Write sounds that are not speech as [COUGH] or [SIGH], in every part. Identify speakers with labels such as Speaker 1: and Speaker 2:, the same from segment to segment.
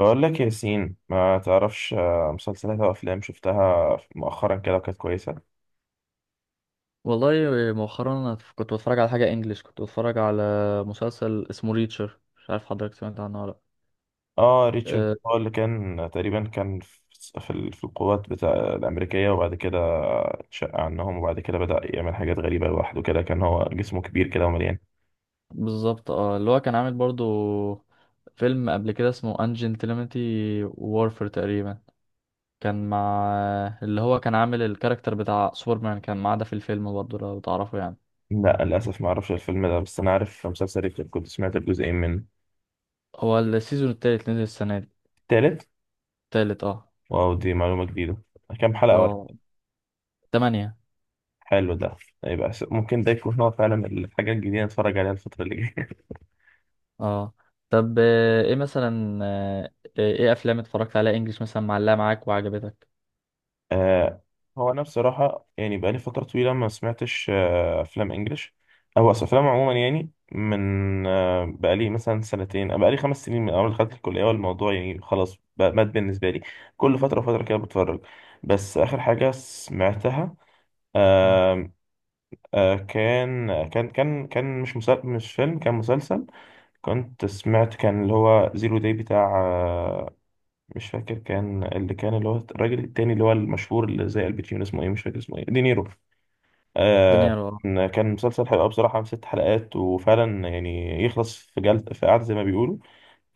Speaker 1: بقول لك يا ياسين، ما تعرفش مسلسلات او افلام شفتها مؤخرا كده وكانت كويسه؟
Speaker 2: والله، مؤخرا أنا كنت بتفرج على حاجة انجليش، كنت بتفرج على مسلسل اسمه ريتشر. مش عارف حضرتك سمعت عنه ولا لأ؟
Speaker 1: اه، ريتشارد
Speaker 2: أه،
Speaker 1: هو اللي كان تقريبا كان في في القوات بتاع الامريكيه، وبعد كده اتشق عنهم، وبعد كده بدا يعمل حاجات غريبه لوحده كده. كان هو جسمه كبير كده ومليان.
Speaker 2: بالظبط. اه، اللي هو كان عامل برضو فيلم قبل كده اسمه انجنتلمتي وورفر تقريبا. كان مع اللي هو كان عامل الكاركتر بتاع سوبرمان، كان معاه ده في الفيلم برضو لو تعرفه يعني.
Speaker 1: لا، للاسف ما اعرفش الفيلم ده، بس انا عارف مسلسل ريتشارد، كنت سمعت الجزئين منه.
Speaker 2: هو السيزون التالت نزل السنة دي.
Speaker 1: التالت.
Speaker 2: التالت، اه.
Speaker 1: واو، دي معلومه جديده. كام حلقه ولا؟
Speaker 2: اه، تمانية.
Speaker 1: حلو ده. يبقى ممكن ده يكون هو فعلا الحاجه الجديده نتفرج عليها الفتره اللي جايه.
Speaker 2: اه، طب ايه مثلا، ايه افلام اتفرجت عليها انجليش مثلا معلقة معاك وعجبتك؟
Speaker 1: آه هو انا بصراحه يعني بقالي فتره طويله ما سمعتش افلام انجلش، او أصل افلام عموما، يعني من بقالي مثلا سنتين، بقالي 5 سنين من اول ما دخلت الكليه، والموضوع يعني خلاص بقى مات بالنسبه لي. كل فتره وفتره كده بتفرج. بس اخر حاجه سمعتها،
Speaker 2: مم.
Speaker 1: آه كان كان مش فيلم، كان مسلسل. كنت سمعت، كان اللي هو زيرو داي بتاع مش فاكر، كان اللي هو الراجل التاني اللي هو المشهور اللي زي الباتشينو، اسمه ايه مش فاكر اسمه ايه، دينيرو.
Speaker 2: الدنيا
Speaker 1: آه
Speaker 2: رو...
Speaker 1: كان مسلسل حلقة بصراحة من 6 حلقات، وفعلا يعني يخلص في جلد في قعدة زي ما بيقولوا.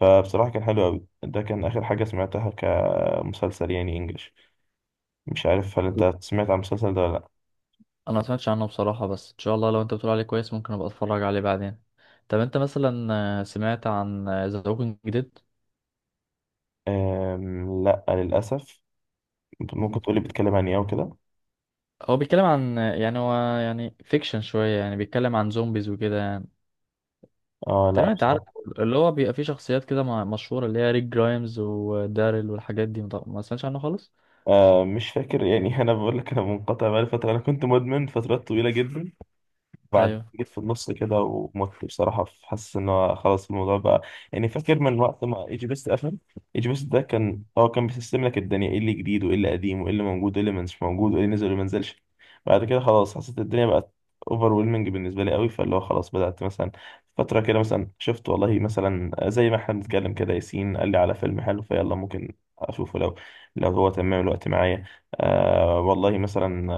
Speaker 1: فبصراحة كان حلو أوي، ده كان آخر حاجة سمعتها كمسلسل يعني إنجليش. مش عارف هل أنت سمعت عن المسلسل ده ولا لأ؟
Speaker 2: انا ما سمعتش عنه بصراحة، بس ان شاء الله لو انت بتقول عليه كويس ممكن ابقى اتفرج عليه بعدين. طب انت مثلا، سمعت عن ذا ووكينج ديد؟
Speaker 1: لأ للأسف. ممكن
Speaker 2: مم.
Speaker 1: تقولي بيتكلم عن إيه أو كده؟
Speaker 2: هو بيتكلم عن يعني يعني فيكشن شوية، يعني بيتكلم عن زومبيز وكده يعني.
Speaker 1: آه، لأ
Speaker 2: تقريبا انت عارف
Speaker 1: بصراحة.
Speaker 2: اللي هو بيبقى فيه شخصيات كده مشهورة، اللي هي ريك جرايمز وداريل والحاجات دي. ما سمعتش عنه خالص؟
Speaker 1: مش فاكر يعني [LAUGHS] أنا بقول لك، أنا منقطع بقالي فترة، أنا كنت مدمن فترات طويلة جدا. بعد
Speaker 2: ايوه،
Speaker 1: جيت في النص كده، ومت بصراحة حاسس إن هو خلاص الموضوع بقى. يعني فاكر من وقت ما إيجي بيست قفل. إيجي بيست ده كان كان بيسيستم لك الدنيا إيه اللي جديد وإيه اللي قديم وإيه اللي موجود وإيه اللي مش موجود وإيه اللي نزل وإيه اللي منزلش. بعد كده خلاص حسيت الدنيا بقت اوفر ويلمنج بالنسبة لي قوي، فاللي هو خلاص بدأت مثلا فترة كده مثلا شفت، والله مثلا زي ما احنا بنتكلم كده، ياسين قال لي على فيلم حلو، فيلا ممكن أشوفه، لو هو تمام الوقت معايا. آه، والله مثلا،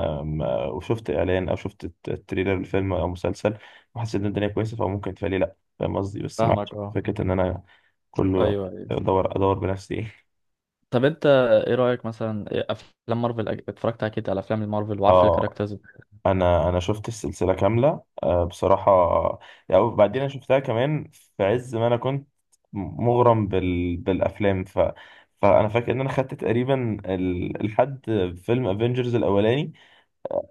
Speaker 1: وشفت اعلان او شفت التريلر لفيلم او مسلسل، وحسيت ان الدنيا كويسه فممكن تفعلي، لا فاهم قصدي؟ بس ما
Speaker 2: فاهمك
Speaker 1: عنديش
Speaker 2: اه،
Speaker 1: فكره ان انا كل وقت
Speaker 2: ايوه ايوه.
Speaker 1: ادور بنفسي [LAUGHS]
Speaker 2: طب انت ايه رأيك مثلا، إيه افلام مارفل؟ اتفرجت اكيد على افلام المارفل وعارف
Speaker 1: اه،
Speaker 2: الكاركترز.
Speaker 1: انا شفت السلسله كامله بصراحه. يعني بعدين انا شفتها كمان في عز ما انا كنت مغرم بالافلام. فانا فاكر ان انا خدت تقريبا لحد فيلم افنجرز الاولاني،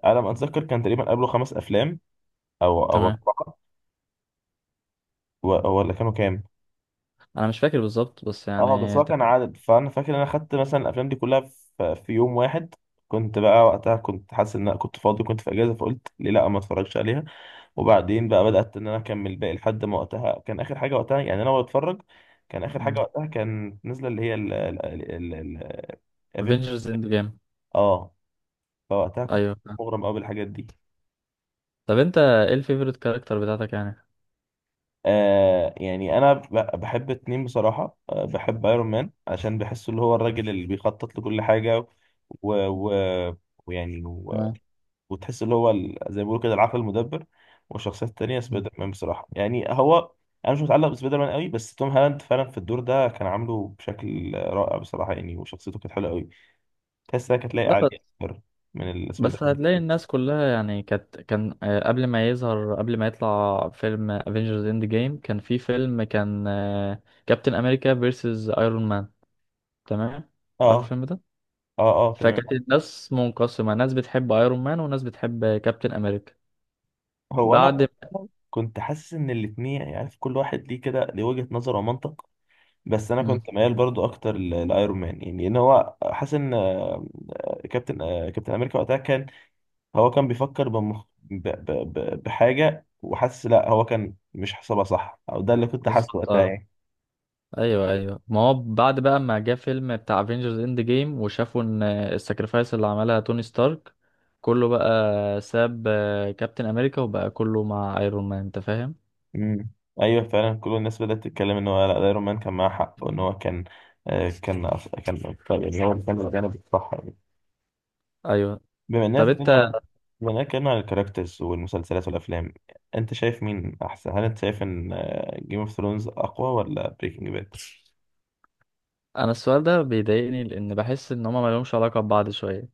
Speaker 1: على ما اتذكر كان تقريبا قبله 5 افلام، او
Speaker 2: تمام.
Speaker 1: اربعه. ولا كانوا كام؟
Speaker 2: انا مش فاكر بالظبط بس
Speaker 1: اه، بس
Speaker 2: يعني.
Speaker 1: هو كان عدد، فانا فاكر ان انا خدت مثلا الافلام دي كلها في يوم واحد. كنت بقى وقتها كنت حاسس ان انا كنت فاضي، كنت في اجازه، فقلت ليه لا ما اتفرجش عليها. وبعدين بقى بدات ان انا اكمل باقي لحد ما وقتها كان اخر حاجه، وقتها يعني انا بتفرج، كان اخر
Speaker 2: مم.
Speaker 1: حاجه وقتها كان نازله اللي هي ال ال-
Speaker 2: افنجرز اند جيم.
Speaker 1: اه، فوقتها كنت
Speaker 2: ايوه.
Speaker 1: مغرم قوي بالحاجات دي.
Speaker 2: طب انت ايه الفيفوريت كاركتر بتاعتك يعني؟
Speaker 1: آه، يعني انا بحب اتنين بصراحه، بحب ايرون مان عشان بحسه اللي هو الراجل اللي بيخطط لكل حاجه، و, و... ويعني
Speaker 2: تمام.
Speaker 1: وتحس اللي هو زي ما بيقولوا كده العقل المدبر. والشخصيات التانية،
Speaker 2: مم.
Speaker 1: سبايدر مان بصراحة يعني، هو أنا مش متعلق بسبايدر مان قوي، بس توم هالاند فعلا في الدور ده كان عامله بشكل رائع بصراحة يعني، وشخصيته كانت حلوة قوي، تحسها كانت لايقة
Speaker 2: لا
Speaker 1: عليه
Speaker 2: بس،
Speaker 1: أكتر من السبايدر
Speaker 2: بس هتلاقي
Speaker 1: مان.
Speaker 2: الناس كلها يعني كانت قبل ما يظهر، قبل ما يطلع فيلم افنجرز اند جيم كان في فيلم كان كابتن امريكا فيرسز ايرون مان. تمام. عارف
Speaker 1: آه،
Speaker 2: الفيلم ده؟
Speaker 1: آه، آه، تمام.
Speaker 2: فكانت الناس منقسمة، ناس بتحب ايرون مان وناس بتحب كابتن امريكا.
Speaker 1: هو أنا
Speaker 2: بعد،
Speaker 1: كنت حاسس إن الاتنين، يعني عارف كل واحد ليه كده، ليه وجهة نظر ومنطق، بس أنا
Speaker 2: مم،
Speaker 1: كنت ميال برضو أكتر لأيرون مان، يعني إن هو حاسس إن كابتن أمريكا وقتها كان هو كان بيفكر بمخ... ب... ب... ب... بحاجة، وحاسس لا هو كان مش حاسبها صح، او ده اللي كنت حاسه
Speaker 2: بالظبط
Speaker 1: وقتها
Speaker 2: آه.
Speaker 1: يعني.
Speaker 2: ايوه ايوه، ما هو بعد بقى ما جه فيلم بتاع افنجرز اند جيم وشافوا ان الساكرفايس اللي عملها توني ستارك، كله بقى ساب كابتن امريكا وبقى كله مع ايرون مان، انت فاهم.
Speaker 1: امم. ايوه، فعلا كل الناس بدأت تتكلم ان هو لا، ده ايرون مان كان معاه حق، وان هو كان كان يعني هو اللي كان الجانب الصح يعني.
Speaker 2: ايوه.
Speaker 1: بما اننا
Speaker 2: طب
Speaker 1: اتكلمنا
Speaker 2: انت،
Speaker 1: عن بما اننا اتكلمنا عن الكاركترز والمسلسلات والافلام، انت شايف مين احسن؟ هل انت شايف ان جيم اوف ثرونز اقوى ولا بريكنج باد؟
Speaker 2: انا السؤال ده بيضايقني لان بحس ان هما مالهمش علاقه ببعض شويه.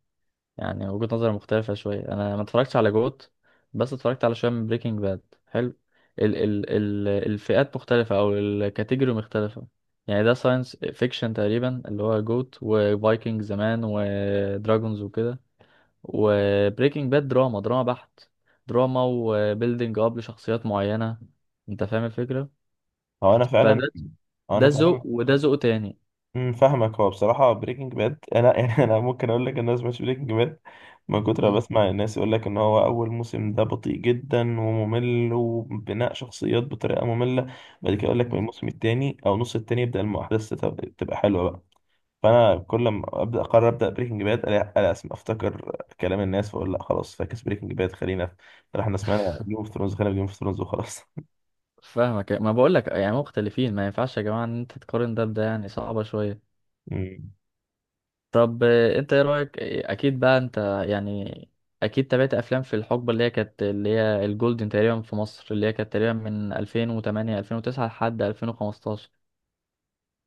Speaker 2: يعني وجهة نظري مختلفة شوية. أنا ما اتفرجتش على جوت بس اتفرجت على شوية من بريكنج باد. حلو. ال ال ال الفئات مختلفة أو الكاتيجوري مختلفة. يعني ده ساينس فيكشن تقريبا اللي هو جوت، وفايكنج زمان ودراجونز وكده. وبريكنج باد دراما، دراما بحت. دراما وبيلدينج أب لشخصيات معينة. أنت فاهم الفكرة؟
Speaker 1: هو انا فعلا
Speaker 2: فده،
Speaker 1: هو
Speaker 2: ده
Speaker 1: انا فعلا.
Speaker 2: ذوق وده ذوق تاني.
Speaker 1: امم، فاهمك، هو بصراحة بريكنج باد أنا [LAUGHS] يعني أنا ممكن أقول لك إن أنا سمعتش بريكنج باد من كتر ما
Speaker 2: مم.
Speaker 1: بسمع الناس يقول لك إن هو أول موسم ده بطيء جدا وممل وبناء شخصيات بطريقة مملة. بعد كده يقول لك من
Speaker 2: مم.
Speaker 1: الموسم التاني أو نص التاني يبدأ الأحداث تبقى حلوة بقى. فأنا كل ما أبدأ أقرر أبدأ بريكنج باد، ألاقي أسمع أفتكر كلام الناس، فأقول لأ خلاص، فاكس بريكنج باد، خلينا في إحنا سمعنا جيم أوف ثرونز، خلينا في جيم أوف ثرونز وخلاص.
Speaker 2: فاهمك، ما بقولك يعني مختلفين. ما ينفعش يا جماعة إن أنت تقارن ده بده، يعني صعبة شوية.
Speaker 1: [LAUGHS] امم.
Speaker 2: طب انت ايه رأيك، اكيد بقى انت يعني اكيد تابعت افلام في الحقبة اللي هي كانت اللي هي الجولدن تقريبا في مصر، اللي هي كانت تقريبا من 2008، 2009 لحد 2015.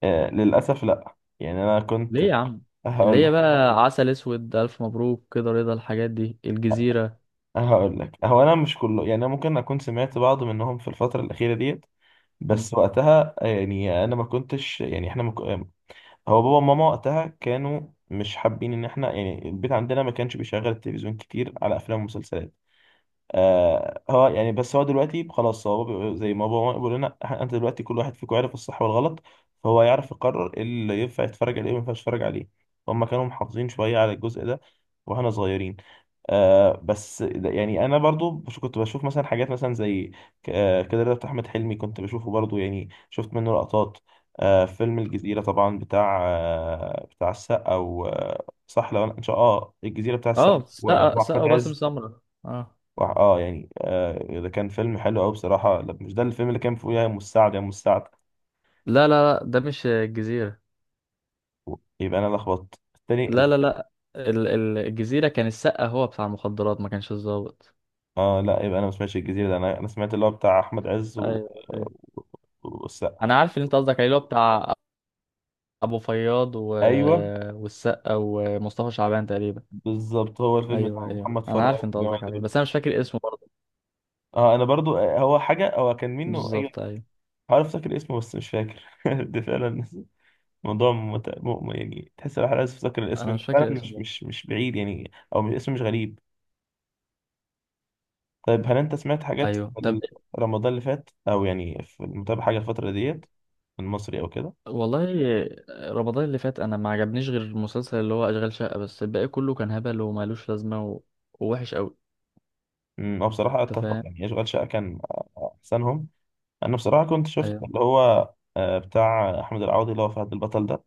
Speaker 1: آه، للأسف لأ، يعني أنا كنت
Speaker 2: ليه يا عم؟
Speaker 1: [LAUGHS]
Speaker 2: اللي هي
Speaker 1: هقول
Speaker 2: بقى عسل اسود، الف مبروك كده، رضا، الحاجات دي، الجزيرة.
Speaker 1: هقول لك، هو انا مش كله، يعني انا ممكن اكون سمعت بعض منهم في الفتره الاخيره ديت،
Speaker 2: مم.
Speaker 1: بس وقتها يعني انا ما كنتش، يعني احنا هو بابا وماما وقتها كانوا مش حابين ان احنا، يعني البيت عندنا ما كانش بيشغل التلفزيون كتير على افلام ومسلسلات. هو يعني، بس هو دلوقتي خلاص، زي ما بابا بيقول لنا انت دلوقتي كل واحد فيكم عارف الصح والغلط، فهو يعرف يقرر إيه اللي ينفع يتفرج عليه وما ينفعش يتفرج عليه. هما كانوا محافظين شوية على الجزء ده واحنا صغيرين. بس يعني انا برضو كنت بشوف مثلا حاجات مثلا زي كده رضا بتاع احمد حلمي، كنت بشوفه برضو يعني، شفت منه لقطات. فيلم الجزيرة طبعا بتاع السقا و آه، صح، لو انا ان شاء الله الجزيرة بتاع السقا
Speaker 2: اه،
Speaker 1: و-
Speaker 2: سقا، سقا
Speaker 1: واحمد
Speaker 2: وباسم
Speaker 1: عز
Speaker 2: سمرة اه.
Speaker 1: يعني، ده كان فيلم حلو قوي بصراحه. لا، مش ده الفيلم اللي كان فيه يا ام السعد يا ام السعد؟
Speaker 2: لا لا لا، ده مش الجزيرة.
Speaker 1: يبقى انا لخبطت التاني.
Speaker 2: لا لا لا، الجزيرة كان السقا هو بتاع المخدرات ما كانش الضابط.
Speaker 1: اه لا، يبقى انا ما سمعتش الجزيره ده، انا سمعت اللي هو بتاع احمد عز
Speaker 2: ايوه ايوه،
Speaker 1: والسقا.
Speaker 2: انا عارف اللي انت قصدك عليه، اللي هو بتاع ابو فياض و...
Speaker 1: ايوه،
Speaker 2: والسقا ومصطفى شعبان تقريبا.
Speaker 1: بالظبط، هو الفيلم بتاع
Speaker 2: ايوه ايوه،
Speaker 1: محمد
Speaker 2: انا
Speaker 1: فراج
Speaker 2: عارف انت
Speaker 1: والجماعه
Speaker 2: قصدك عليه
Speaker 1: دول.
Speaker 2: بس انا مش فاكر اسمه برضه.
Speaker 1: اه، انا برضو، هو حاجه، هو كان منه، ايوه.
Speaker 2: بالظبط ايوه.
Speaker 1: عارف افتكر اسمه بس مش فاكر [LAUGHS] ده فعلا موضوع يعني، تحس الواحد عايز يفتكر
Speaker 2: انا
Speaker 1: الاسم،
Speaker 2: مش
Speaker 1: فعلا
Speaker 2: فاكر اسمه
Speaker 1: مش
Speaker 2: برضه.
Speaker 1: مش مش بعيد يعني، او مش اسمه مش غريب. طيب هل انت سمعت حاجات
Speaker 2: ايوه، طب،
Speaker 1: في رمضان اللي فات، او يعني في متابع حاجه الفتره ديت، المصري او كده؟
Speaker 2: والله رمضان اللي فات انا ما عجبنيش غير المسلسل اللي هو اشغال شقه، بس الباقي كله كان هبل ومالوش لازمه و... ووحش قوي.
Speaker 1: هو بصراحه
Speaker 2: انت
Speaker 1: اتفق،
Speaker 2: فاهم.
Speaker 1: يعني اشغال شقه كان احسنهم. انا بصراحه كنت شفت
Speaker 2: ايوه
Speaker 1: اللي هو بتاع احمد العوضي، اللي هو فهد البطل ده.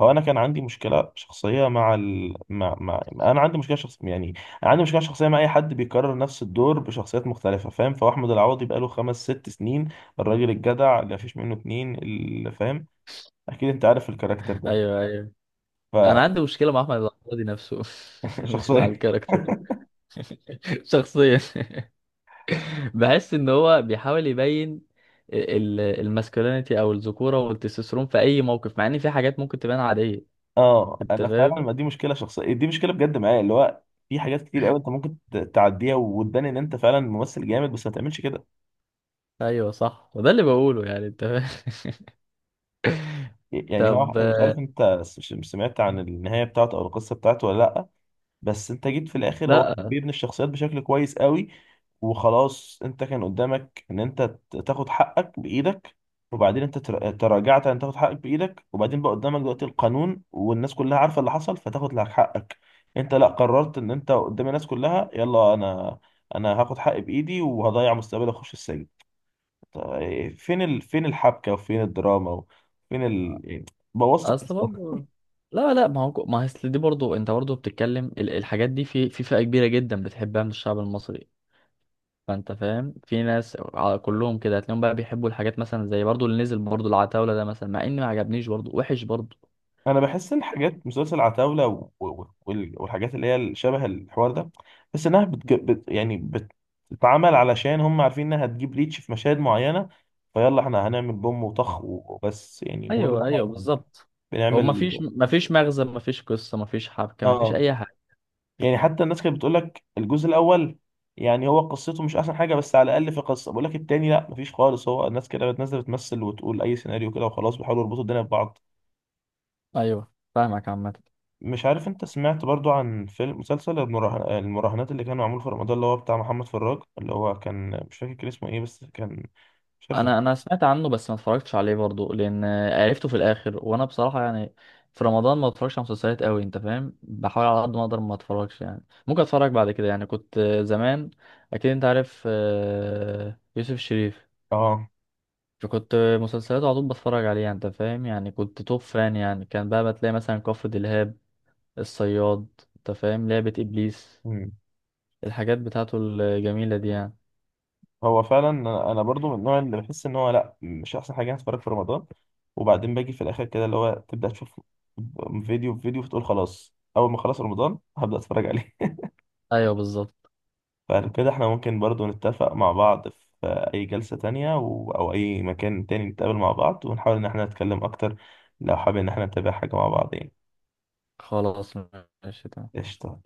Speaker 1: هو انا كان عندي مشكله شخصيه مع ال... مع... مع انا عندي مشكله يعني، انا عندي مشكله شخصيه مع اي حد بيكرر نفس الدور بشخصيات مختلفه، فاهم؟ فهو احمد العوضي بقاله 5 6 سنين الراجل الجدع اللي مفيش منه اتنين، اللي فاهم اكيد انت عارف الكاركتر
Speaker 2: ايوه. ايوه، انا
Speaker 1: ده.
Speaker 2: عندي مشكله مع احمد العوضي نفسه [LAUGHS] مش مع
Speaker 1: شخصيه.
Speaker 2: الكاركتر لا. [LAUGHS] شخصيا بحس ان هو بيحاول يبين الماسكولينيتي او الذكوره والتستوستيرون في اي موقف، مع ان في حاجات ممكن تبان عاديه.
Speaker 1: اه،
Speaker 2: انت
Speaker 1: انا فعلا،
Speaker 2: فاهم.
Speaker 1: ما دي مشكله شخصيه، دي مشكله بجد معايا، اللي هو في حاجات كتير قوي انت ممكن تعديها وتبان ان انت فعلا ممثل جامد، بس ما تعملش كده.
Speaker 2: ايوه صح، وده اللي بقوله يعني، انت فاهم. [LAUGHS]
Speaker 1: يعني هو،
Speaker 2: طب،
Speaker 1: مش عارف انت مش سمعت عن النهايه بتاعته او القصه بتاعته ولا لا؟ بس انت جيت في الاخر، هو
Speaker 2: لا.
Speaker 1: كان بيبني الشخصيات بشكل كويس قوي، وخلاص انت كان قدامك ان انت تاخد حقك بايدك، وبعدين انت تراجعت ان تاخد حقك بايدك، وبعدين بقى قدامك دلوقتي القانون والناس كلها عارفه اللي حصل فتاخد لك حقك. انت لا، قررت ان انت قدام الناس كلها يلا انا هاخد حقي بايدي وهضيع مستقبلي واخش السجن. طب فين فين الحبكه وفين الدراما وفين يعني بوثق.
Speaker 2: اصل برضه، لا لا، ما هو اصل دي برضه، انت برضه بتتكلم الحاجات دي في فئه كبيره جدا بتحبها من الشعب المصري. فانت فاهم في ناس كلهم كده هتلاقيهم بقى بيحبوا الحاجات مثلا زي برضه اللي نزل برضه العتاوله ده مثلا، مع اني ما عجبنيش برضه، وحش برضه.
Speaker 1: انا بحس الحاجات، مسلسل عتاولة والحاجات اللي هي شبه الحوار ده، بس انها يعني بتتعمل علشان هم عارفين انها هتجيب ريتش في مشاهد معينة، فيلا احنا هنعمل بوم وطخ وبس، يعني مجرد ما
Speaker 2: ايوه ايوه
Speaker 1: احنا
Speaker 2: بالظبط. هو
Speaker 1: بنعمل.
Speaker 2: مفيش مغزى، مفيش قصه، مفيش حبكه، مفيش
Speaker 1: اه،
Speaker 2: اي حاجه.
Speaker 1: يعني حتى الناس كانت بتقول لك الجزء الاول يعني هو قصته مش احسن حاجة، بس على الاقل في قصة. بقول لك التاني لا مفيش خالص، هو الناس كده بتنزل بتمثل وتقول اي سيناريو كده وخلاص بيحاولوا يربطوا الدنيا ببعض.
Speaker 2: ايوه فاهمك عامة.
Speaker 1: مش عارف انت سمعت برضو عن فيلم مسلسل المراهنات اللي كان معمول في رمضان اللي هو بتاع محمد فراج، اللي هو كان، مش فاكر كان اسمه ايه، بس كان، مش عارف.
Speaker 2: انا سمعت عنه بس ما اتفرجتش عليه برضو لان عرفته في الاخر، وانا بصراحه يعني في رمضان ما بتفرجش على مسلسلات قوي، انت فاهم، بحاول على قد ما اقدر ما اتفرجش. يعني ممكن اتفرج بعد كده. يعني كنت زمان، اكيد انت عارف يوسف الشريف،
Speaker 1: اه.
Speaker 2: فكنت مسلسلاته على طول بتفرج عليها. انت فاهم يعني كنت توب فان يعني. كان بقى بتلاقي مثلا كفر دلهاب، الصياد، انت فاهم، لعبه ابليس،
Speaker 1: مم.
Speaker 2: الحاجات بتاعته الجميلة دي يعني.
Speaker 1: هو فعلا انا، أنا برضو من النوع اللي بحس ان هو لا مش احسن حاجه يعني اتفرج في رمضان، وبعدين باجي في الاخر كده اللي هو تبدا تشوف فيديو في فيديو، فتقول خلاص، اول ما خلاص رمضان هبدا اتفرج عليه.
Speaker 2: أيوه بالظبط.
Speaker 1: فلو كده احنا ممكن برضو نتفق مع بعض في أي جلسة تانية أو أي مكان تاني نتقابل مع بعض ونحاول إن احنا نتكلم أكتر، لو حابين إن احنا نتابع حاجة مع بعض يعني.
Speaker 2: خلاص، ماشي تمام.
Speaker 1: قشطة.